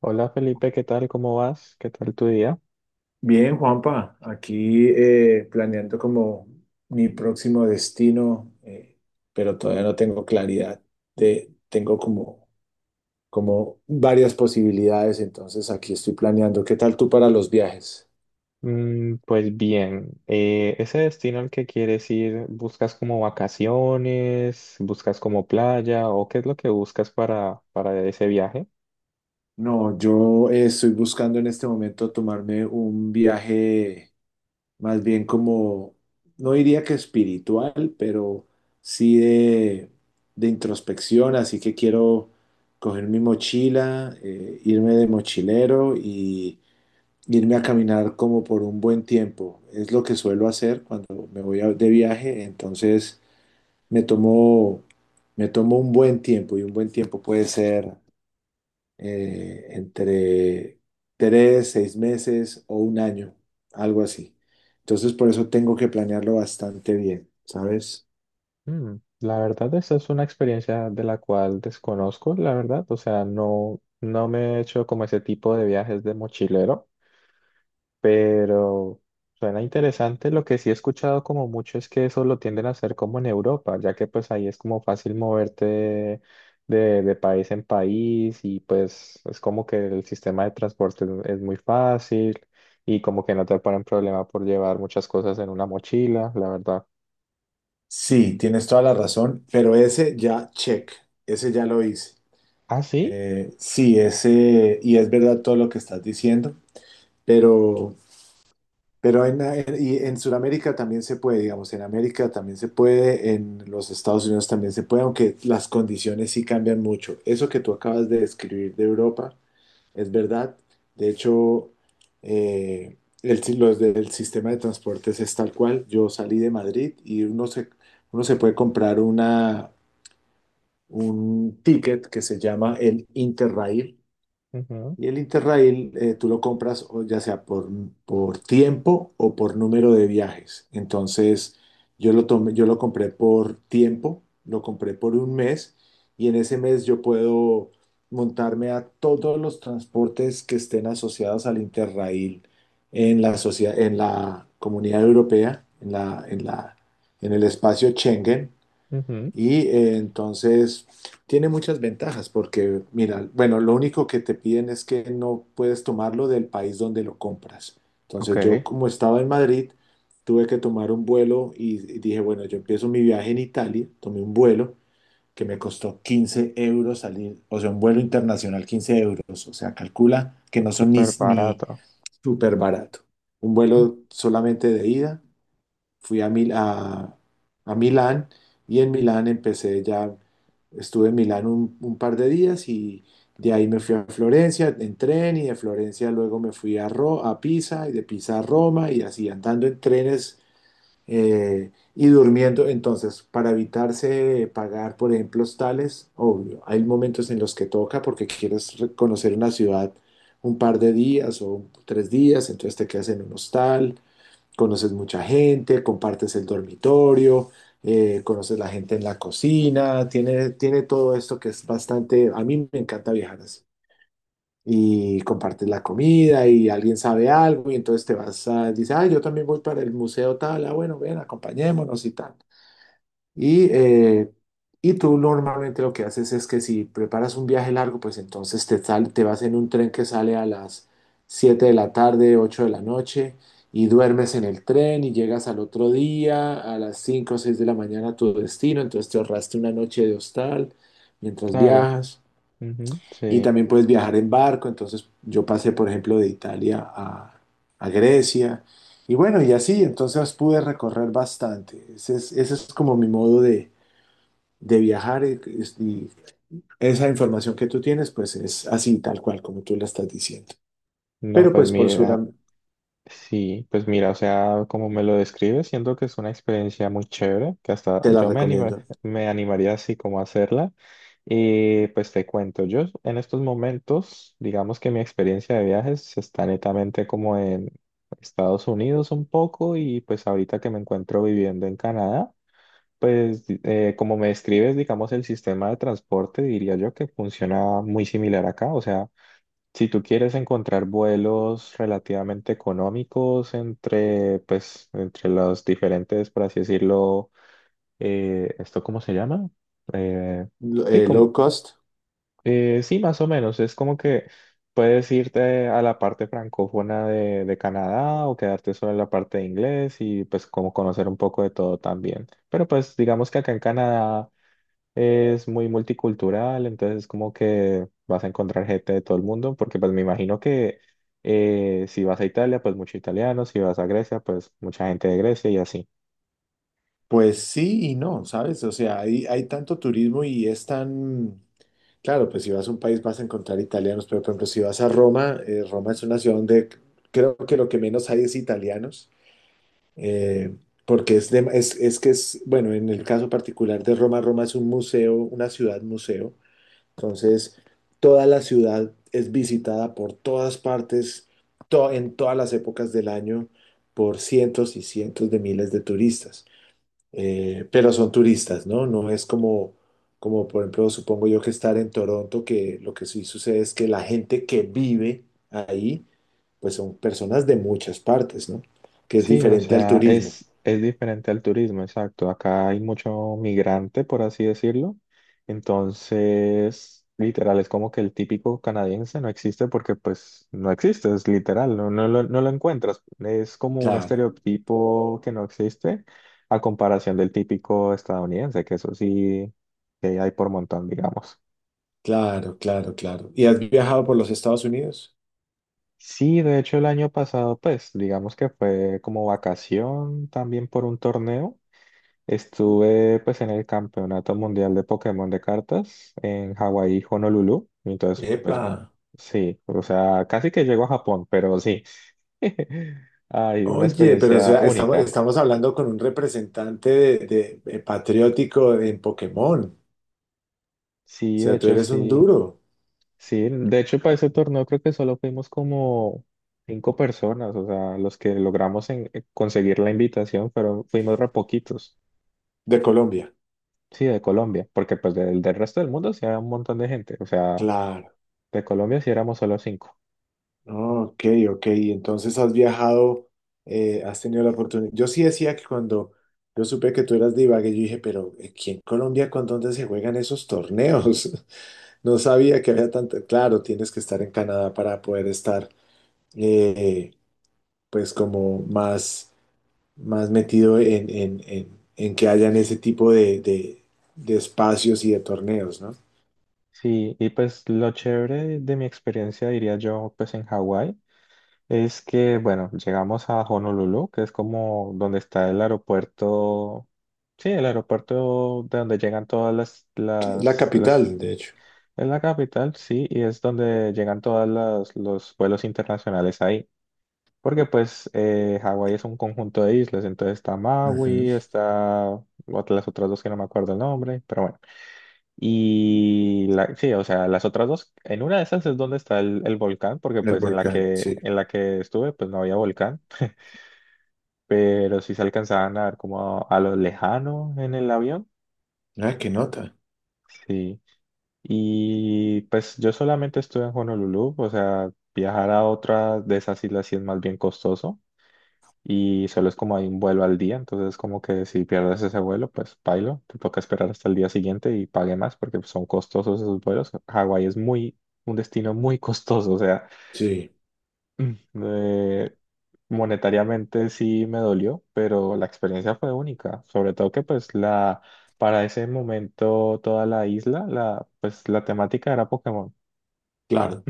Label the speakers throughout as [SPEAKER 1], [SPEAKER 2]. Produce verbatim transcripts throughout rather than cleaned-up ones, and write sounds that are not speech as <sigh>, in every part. [SPEAKER 1] Hola Felipe, ¿qué tal? ¿Cómo vas? ¿Qué tal tu día?
[SPEAKER 2] Bien, Juanpa, aquí eh, planeando como mi próximo destino, eh, pero todavía no tengo claridad de, tengo como, como varias posibilidades, entonces aquí estoy planeando. ¿Qué tal tú para los viajes?
[SPEAKER 1] Mm, pues bien, eh, ese destino al que quieres ir, ¿buscas como vacaciones? ¿Buscas como playa? ¿O qué es lo que buscas para, para ese viaje?
[SPEAKER 2] No, yo eh, estoy buscando en este momento tomarme un viaje más bien como, no diría que espiritual, pero sí de, de introspección, así que quiero coger mi mochila, eh, irme de mochilero y irme a caminar como por un buen tiempo. Es lo que suelo hacer cuando me voy a- de viaje, entonces me tomo, me tomo un buen tiempo y un buen tiempo puede ser eh, entre tres, seis meses o un año, algo así. Entonces, por eso tengo que planearlo bastante bien, ¿sabes?
[SPEAKER 1] Mm, la verdad, esa es una experiencia de la cual desconozco, la verdad. O sea, no, no me he hecho como ese tipo de viajes de mochilero. Pero suena interesante. Lo que sí he escuchado como mucho es que eso lo tienden a hacer como en Europa, ya que pues ahí es como fácil moverte de, de- de país en país y pues es como que el sistema de transporte es, es muy fácil y como que no te ponen problema por llevar muchas cosas en una mochila, la verdad.
[SPEAKER 2] Sí, tienes toda la razón, pero ese ya check, ese ya lo hice.
[SPEAKER 1] Ah, sí.
[SPEAKER 2] Eh, sí, ese, y es verdad todo lo que estás diciendo, pero, pero en, en- y en Sudamérica también se puede, digamos, en América también se puede, en los Estados Unidos también se puede, aunque las condiciones sí cambian mucho. Eso que tú acabas de describir de Europa, es verdad. De hecho, eh, el, si- los del sistema de transportes es tal cual. Yo salí de Madrid y uno se, uno se puede comprar una, un ticket que se llama el Interrail,
[SPEAKER 1] Ujú,
[SPEAKER 2] y el Interrail eh, tú lo compras o ya sea por, por tiempo o por número de viajes. Entonces yo lo tomé, yo lo compré por tiempo, lo compré por un mes y en ese mes yo puedo montarme a todos los transportes que estén asociados al Interrail en la sociedad, en la Comunidad Europea, en la, en la, en el espacio Schengen.
[SPEAKER 1] ujú.
[SPEAKER 2] Y eh, entonces tiene muchas ventajas porque, mira, bueno, lo único que te piden es que no puedes tomarlo del país donde lo compras.
[SPEAKER 1] Ok,
[SPEAKER 2] Entonces yo como estaba en Madrid, tuve que tomar un vuelo y y dije, bueno, yo empiezo mi viaje en Italia, tomé un vuelo que me costó quince euros salir, o sea, un vuelo internacional quince euros, o sea, calcula que no son ni,
[SPEAKER 1] súper
[SPEAKER 2] ni
[SPEAKER 1] barato.
[SPEAKER 2] súper barato. Un vuelo solamente de ida fui a, Mil- a, a Milán y en Milán empecé ya, estuve en Milán un, un par de días y de ahí me fui a Florencia en tren y de Florencia luego me fui a, Ro- a Pisa y de Pisa a Roma y así andando en trenes eh, y durmiendo. Entonces, para evitarse pagar, por ejemplo, hostales, obvio, hay momentos en los que toca porque quieres re- conocer una ciudad un par de días o tres días, entonces te quedas en un hostal, conoces mucha gente, compartes el dormitorio, eh, conoces la gente en la cocina, tiene, tiene todo esto que es bastante, a mí me encanta viajar así. Y compartes la comida y alguien sabe algo y entonces te vas a, dice, ah, yo también voy para el museo tal, ah, bueno, ven, acompañémonos y tal. Y, eh, y tú normalmente lo que haces es que si preparas un viaje largo, pues entonces te, sal- te vas en un tren que sale a las siete de la tarde, ocho de la noche, y duermes en el tren y llegas al otro día a las cinco o seis de la mañana a tu destino, entonces te ahorraste una noche de hostal mientras
[SPEAKER 1] Claro.
[SPEAKER 2] viajas.
[SPEAKER 1] Ujú,
[SPEAKER 2] Y
[SPEAKER 1] sí.
[SPEAKER 2] también puedes viajar en barco, entonces yo pasé, por ejemplo, de Italia a, a Grecia. Y bueno, y así, entonces pude recorrer bastante. Ese es, ese es como mi modo de de viajar, eh, es- y esa información que tú tienes, pues es así, tal cual, como tú la estás diciendo.
[SPEAKER 1] No,
[SPEAKER 2] Pero
[SPEAKER 1] pues
[SPEAKER 2] pues por
[SPEAKER 1] mira.
[SPEAKER 2] Suram,
[SPEAKER 1] Sí, pues mira, o sea, como me lo describes, siento que es una experiencia muy chévere, que hasta
[SPEAKER 2] te la
[SPEAKER 1] yo me anima-
[SPEAKER 2] recomiendo.
[SPEAKER 1] me animaría así como a hacerla. Y pues te cuento, yo en estos momentos, digamos que mi experiencia de viajes está netamente como en Estados Unidos un poco y pues ahorita que me encuentro viviendo en Canadá, pues di- eh, como me describes, digamos, el sistema de transporte, diría yo que funciona muy similar acá, o sea... Si tú quieres encontrar vuelos relativamente económicos entre, pues, entre los diferentes, por así decirlo, eh, ¿esto cómo se llama? Eh,
[SPEAKER 2] Lo-
[SPEAKER 1] sí,
[SPEAKER 2] eh,
[SPEAKER 1] como,
[SPEAKER 2] low cost,
[SPEAKER 1] eh, sí, más o menos. Es como que puedes irte a la parte francófona de, de Canadá o quedarte solo en la parte de inglés y pues como conocer un poco de todo también. Pero pues digamos que acá en Canadá... Es muy multicultural, entonces como que vas a encontrar gente de todo el mundo, porque pues me imagino que eh, si vas a Italia, pues mucho italiano, si vas a Grecia, pues mucha gente de Grecia y así.
[SPEAKER 2] pues sí y no, ¿sabes? O sea, hay, hay tanto turismo y es tan... Claro, pues si vas a un país vas a encontrar italianos, pero por ejemplo, si vas a Roma, eh, Roma es una ciudad donde creo que lo que menos hay es italianos. eh, porque es, de- es, es que es, bueno, en el caso particular de Roma, Roma es un museo, una ciudad museo. Entonces, toda la ciudad es visitada por todas partes, to- en todas las épocas del año, por cientos y cientos de miles de turistas. Eh, pero son turistas, ¿no? No es como, como, por ejemplo, supongo yo que estar en Toronto, que lo que sí sucede es que la gente que vive ahí, pues son personas de muchas partes, ¿no? Que es
[SPEAKER 1] Sí, o
[SPEAKER 2] diferente al
[SPEAKER 1] sea,
[SPEAKER 2] turismo.
[SPEAKER 1] es, es diferente al turismo, exacto. Acá hay mucho migrante, por así decirlo. Entonces, literal, es como que el típico canadiense no existe porque pues no existe, es literal, no, no lo, no lo encuentras. Es como un
[SPEAKER 2] Claro,
[SPEAKER 1] estereotipo que no existe a comparación del típico estadounidense, que eso sí que hay por montón, digamos.
[SPEAKER 2] claro, claro, claro. ¿Y has viajado por los Estados Unidos?
[SPEAKER 1] Sí, de hecho el año pasado, pues digamos que fue como vacación también por un torneo. Estuve pues en el Campeonato Mundial de Pokémon de cartas en Hawái, Honolulu. Y entonces,
[SPEAKER 2] Epa.
[SPEAKER 1] pues sí, o sea, casi que llego a Japón, pero sí. <laughs> Hay una
[SPEAKER 2] Oye, pero o
[SPEAKER 1] experiencia
[SPEAKER 2] sea, estamos,
[SPEAKER 1] única.
[SPEAKER 2] estamos hablando con un representante de, de- eh, patriótico en Pokémon. O
[SPEAKER 1] Sí, de
[SPEAKER 2] sea, tú
[SPEAKER 1] hecho,
[SPEAKER 2] eres un
[SPEAKER 1] sí.
[SPEAKER 2] duro
[SPEAKER 1] Sí, de hecho, para ese torneo creo que solo fuimos como cinco personas, o sea, los que logramos en- eh, conseguir la invitación, pero fuimos re poquitos.
[SPEAKER 2] de Colombia.
[SPEAKER 1] Sí, de Colombia, porque pues del, del resto del mundo sí había un montón de gente, o sea,
[SPEAKER 2] Claro.
[SPEAKER 1] de Colombia sí éramos solo cinco.
[SPEAKER 2] Ah, ok, ok. Y entonces has viajado, eh, has tenido la oportunidad. Yo sí decía que cuando yo supe que tú eras de Ibagué, yo dije, pero eh, ¿aquí en Colombia con dónde se juegan esos torneos? <laughs> No sabía que había tanto. Claro, tienes que estar en Canadá para poder estar, eh, pues, como más, más metido en, en- en- en que hayan ese tipo de, de- de espacios y de torneos, ¿no?
[SPEAKER 1] Sí, y pues lo chévere de mi experiencia, diría yo, pues en Hawái, es que, bueno, llegamos a Honolulu, que es como donde está el aeropuerto, sí, el aeropuerto de donde llegan todas las,
[SPEAKER 2] Sí, la
[SPEAKER 1] las, las,
[SPEAKER 2] capital, de hecho.
[SPEAKER 1] es la capital, sí, y es donde llegan todas las, los vuelos internacionales ahí. Porque pues eh, Hawái es un conjunto de islas, entonces está
[SPEAKER 2] Ujú.
[SPEAKER 1] Maui, está ot- las otras dos que no me acuerdo el nombre, pero bueno. Y la, sí, o sea, las otras dos, en una de esas es donde está el, el volcán, porque
[SPEAKER 2] El
[SPEAKER 1] pues en la
[SPEAKER 2] volcán,
[SPEAKER 1] que,
[SPEAKER 2] sí.
[SPEAKER 1] en la que estuve, pues no había volcán, pero sí se alcanzaban a ver como a, a lo lejano en el avión.
[SPEAKER 2] Ah, qué nota.
[SPEAKER 1] Sí. Y pues yo solamente estuve en Honolulu, o sea, viajar a otra de esas islas sí es más bien costoso. Y solo es como hay un vuelo al día, entonces como que si pierdes ese vuelo, pues pailo, te toca esperar hasta el día siguiente y pague más porque pues, son costosos esos vuelos. Hawái es muy, un destino muy costoso, o sea,
[SPEAKER 2] Sí,
[SPEAKER 1] <clears throat> mm, eh, monetariamente sí me dolió, pero la experiencia fue única, sobre todo que pues la, para ese momento toda la isla, la, pues la temática era Pokémon
[SPEAKER 2] claro.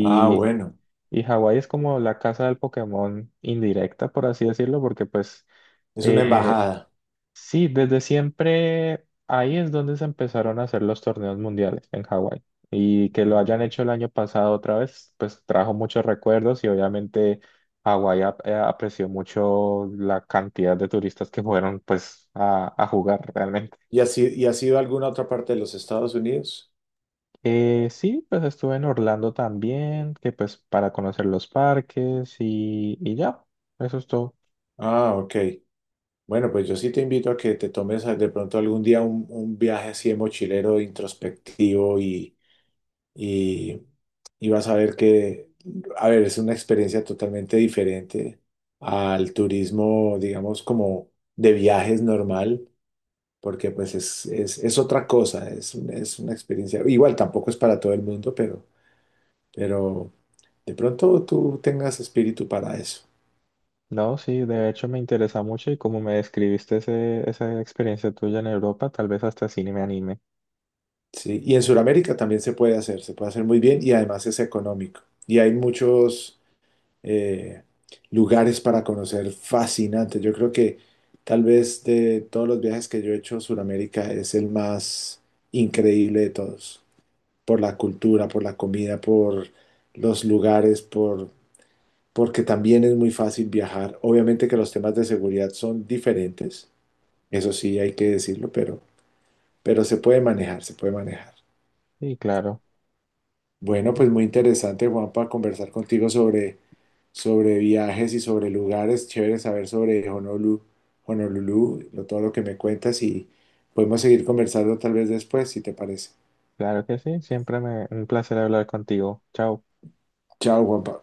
[SPEAKER 2] Ah, bueno.
[SPEAKER 1] Y Hawái es como la casa del Pokémon indirecta, por así decirlo, porque pues...
[SPEAKER 2] Es una
[SPEAKER 1] eh,
[SPEAKER 2] embajada.
[SPEAKER 1] sí, desde siempre ahí es donde se empezaron a hacer los torneos mundiales en Hawái. Y que lo hayan
[SPEAKER 2] Mm.
[SPEAKER 1] hecho el año pasado otra vez, pues trajo muchos recuerdos y obviamente Hawái ap- eh, apreció mucho la cantidad de turistas que fueron pues a, a jugar realmente.
[SPEAKER 2] ¿Y has, i- y has ido a alguna otra parte de los Estados Unidos?
[SPEAKER 1] Eh, sí, pues estuve en Orlando también, que pues para conocer los parques y, y ya, eso es todo.
[SPEAKER 2] Ah, ok. Bueno, pues yo sí te invito a que te tomes a- de pronto algún día un, un viaje así de mochilero introspectivo y, y, y vas a ver que, a ver, es una experiencia totalmente diferente al turismo, digamos, como de viajes normal, porque pues es, es, es otra cosa, es, un- es una experiencia, igual tampoco es para todo el mundo, pero, pero de pronto tú tengas espíritu para eso.
[SPEAKER 1] No, sí, de hecho me interesa mucho y como me describiste ese, esa experiencia tuya en Europa, tal vez hasta cine me anime.
[SPEAKER 2] Sí, y en Sudamérica también se puede hacer, se puede hacer muy bien y además es económico. Y hay muchos eh, lugares para conocer fascinantes. Yo creo que tal vez de todos los viajes que yo he hecho, Sudamérica es el más increíble de todos, por la cultura, por la comida, por los lugares, por, porque también es muy fácil viajar. Obviamente que los temas de seguridad son diferentes, eso sí hay que decirlo, pero, pero se puede manejar, se puede manejar.
[SPEAKER 1] Y claro,
[SPEAKER 2] Bueno, pues muy interesante, Juanpa, conversar contigo sobre, sobre viajes y sobre lugares. Chévere saber sobre Honolulu, Honolulu, lo- todo lo que me cuentas y podemos seguir conversando tal vez después, si te parece.
[SPEAKER 1] claro que sí, siempre me, un placer hablar contigo. Chao.
[SPEAKER 2] Chao, Juanpa.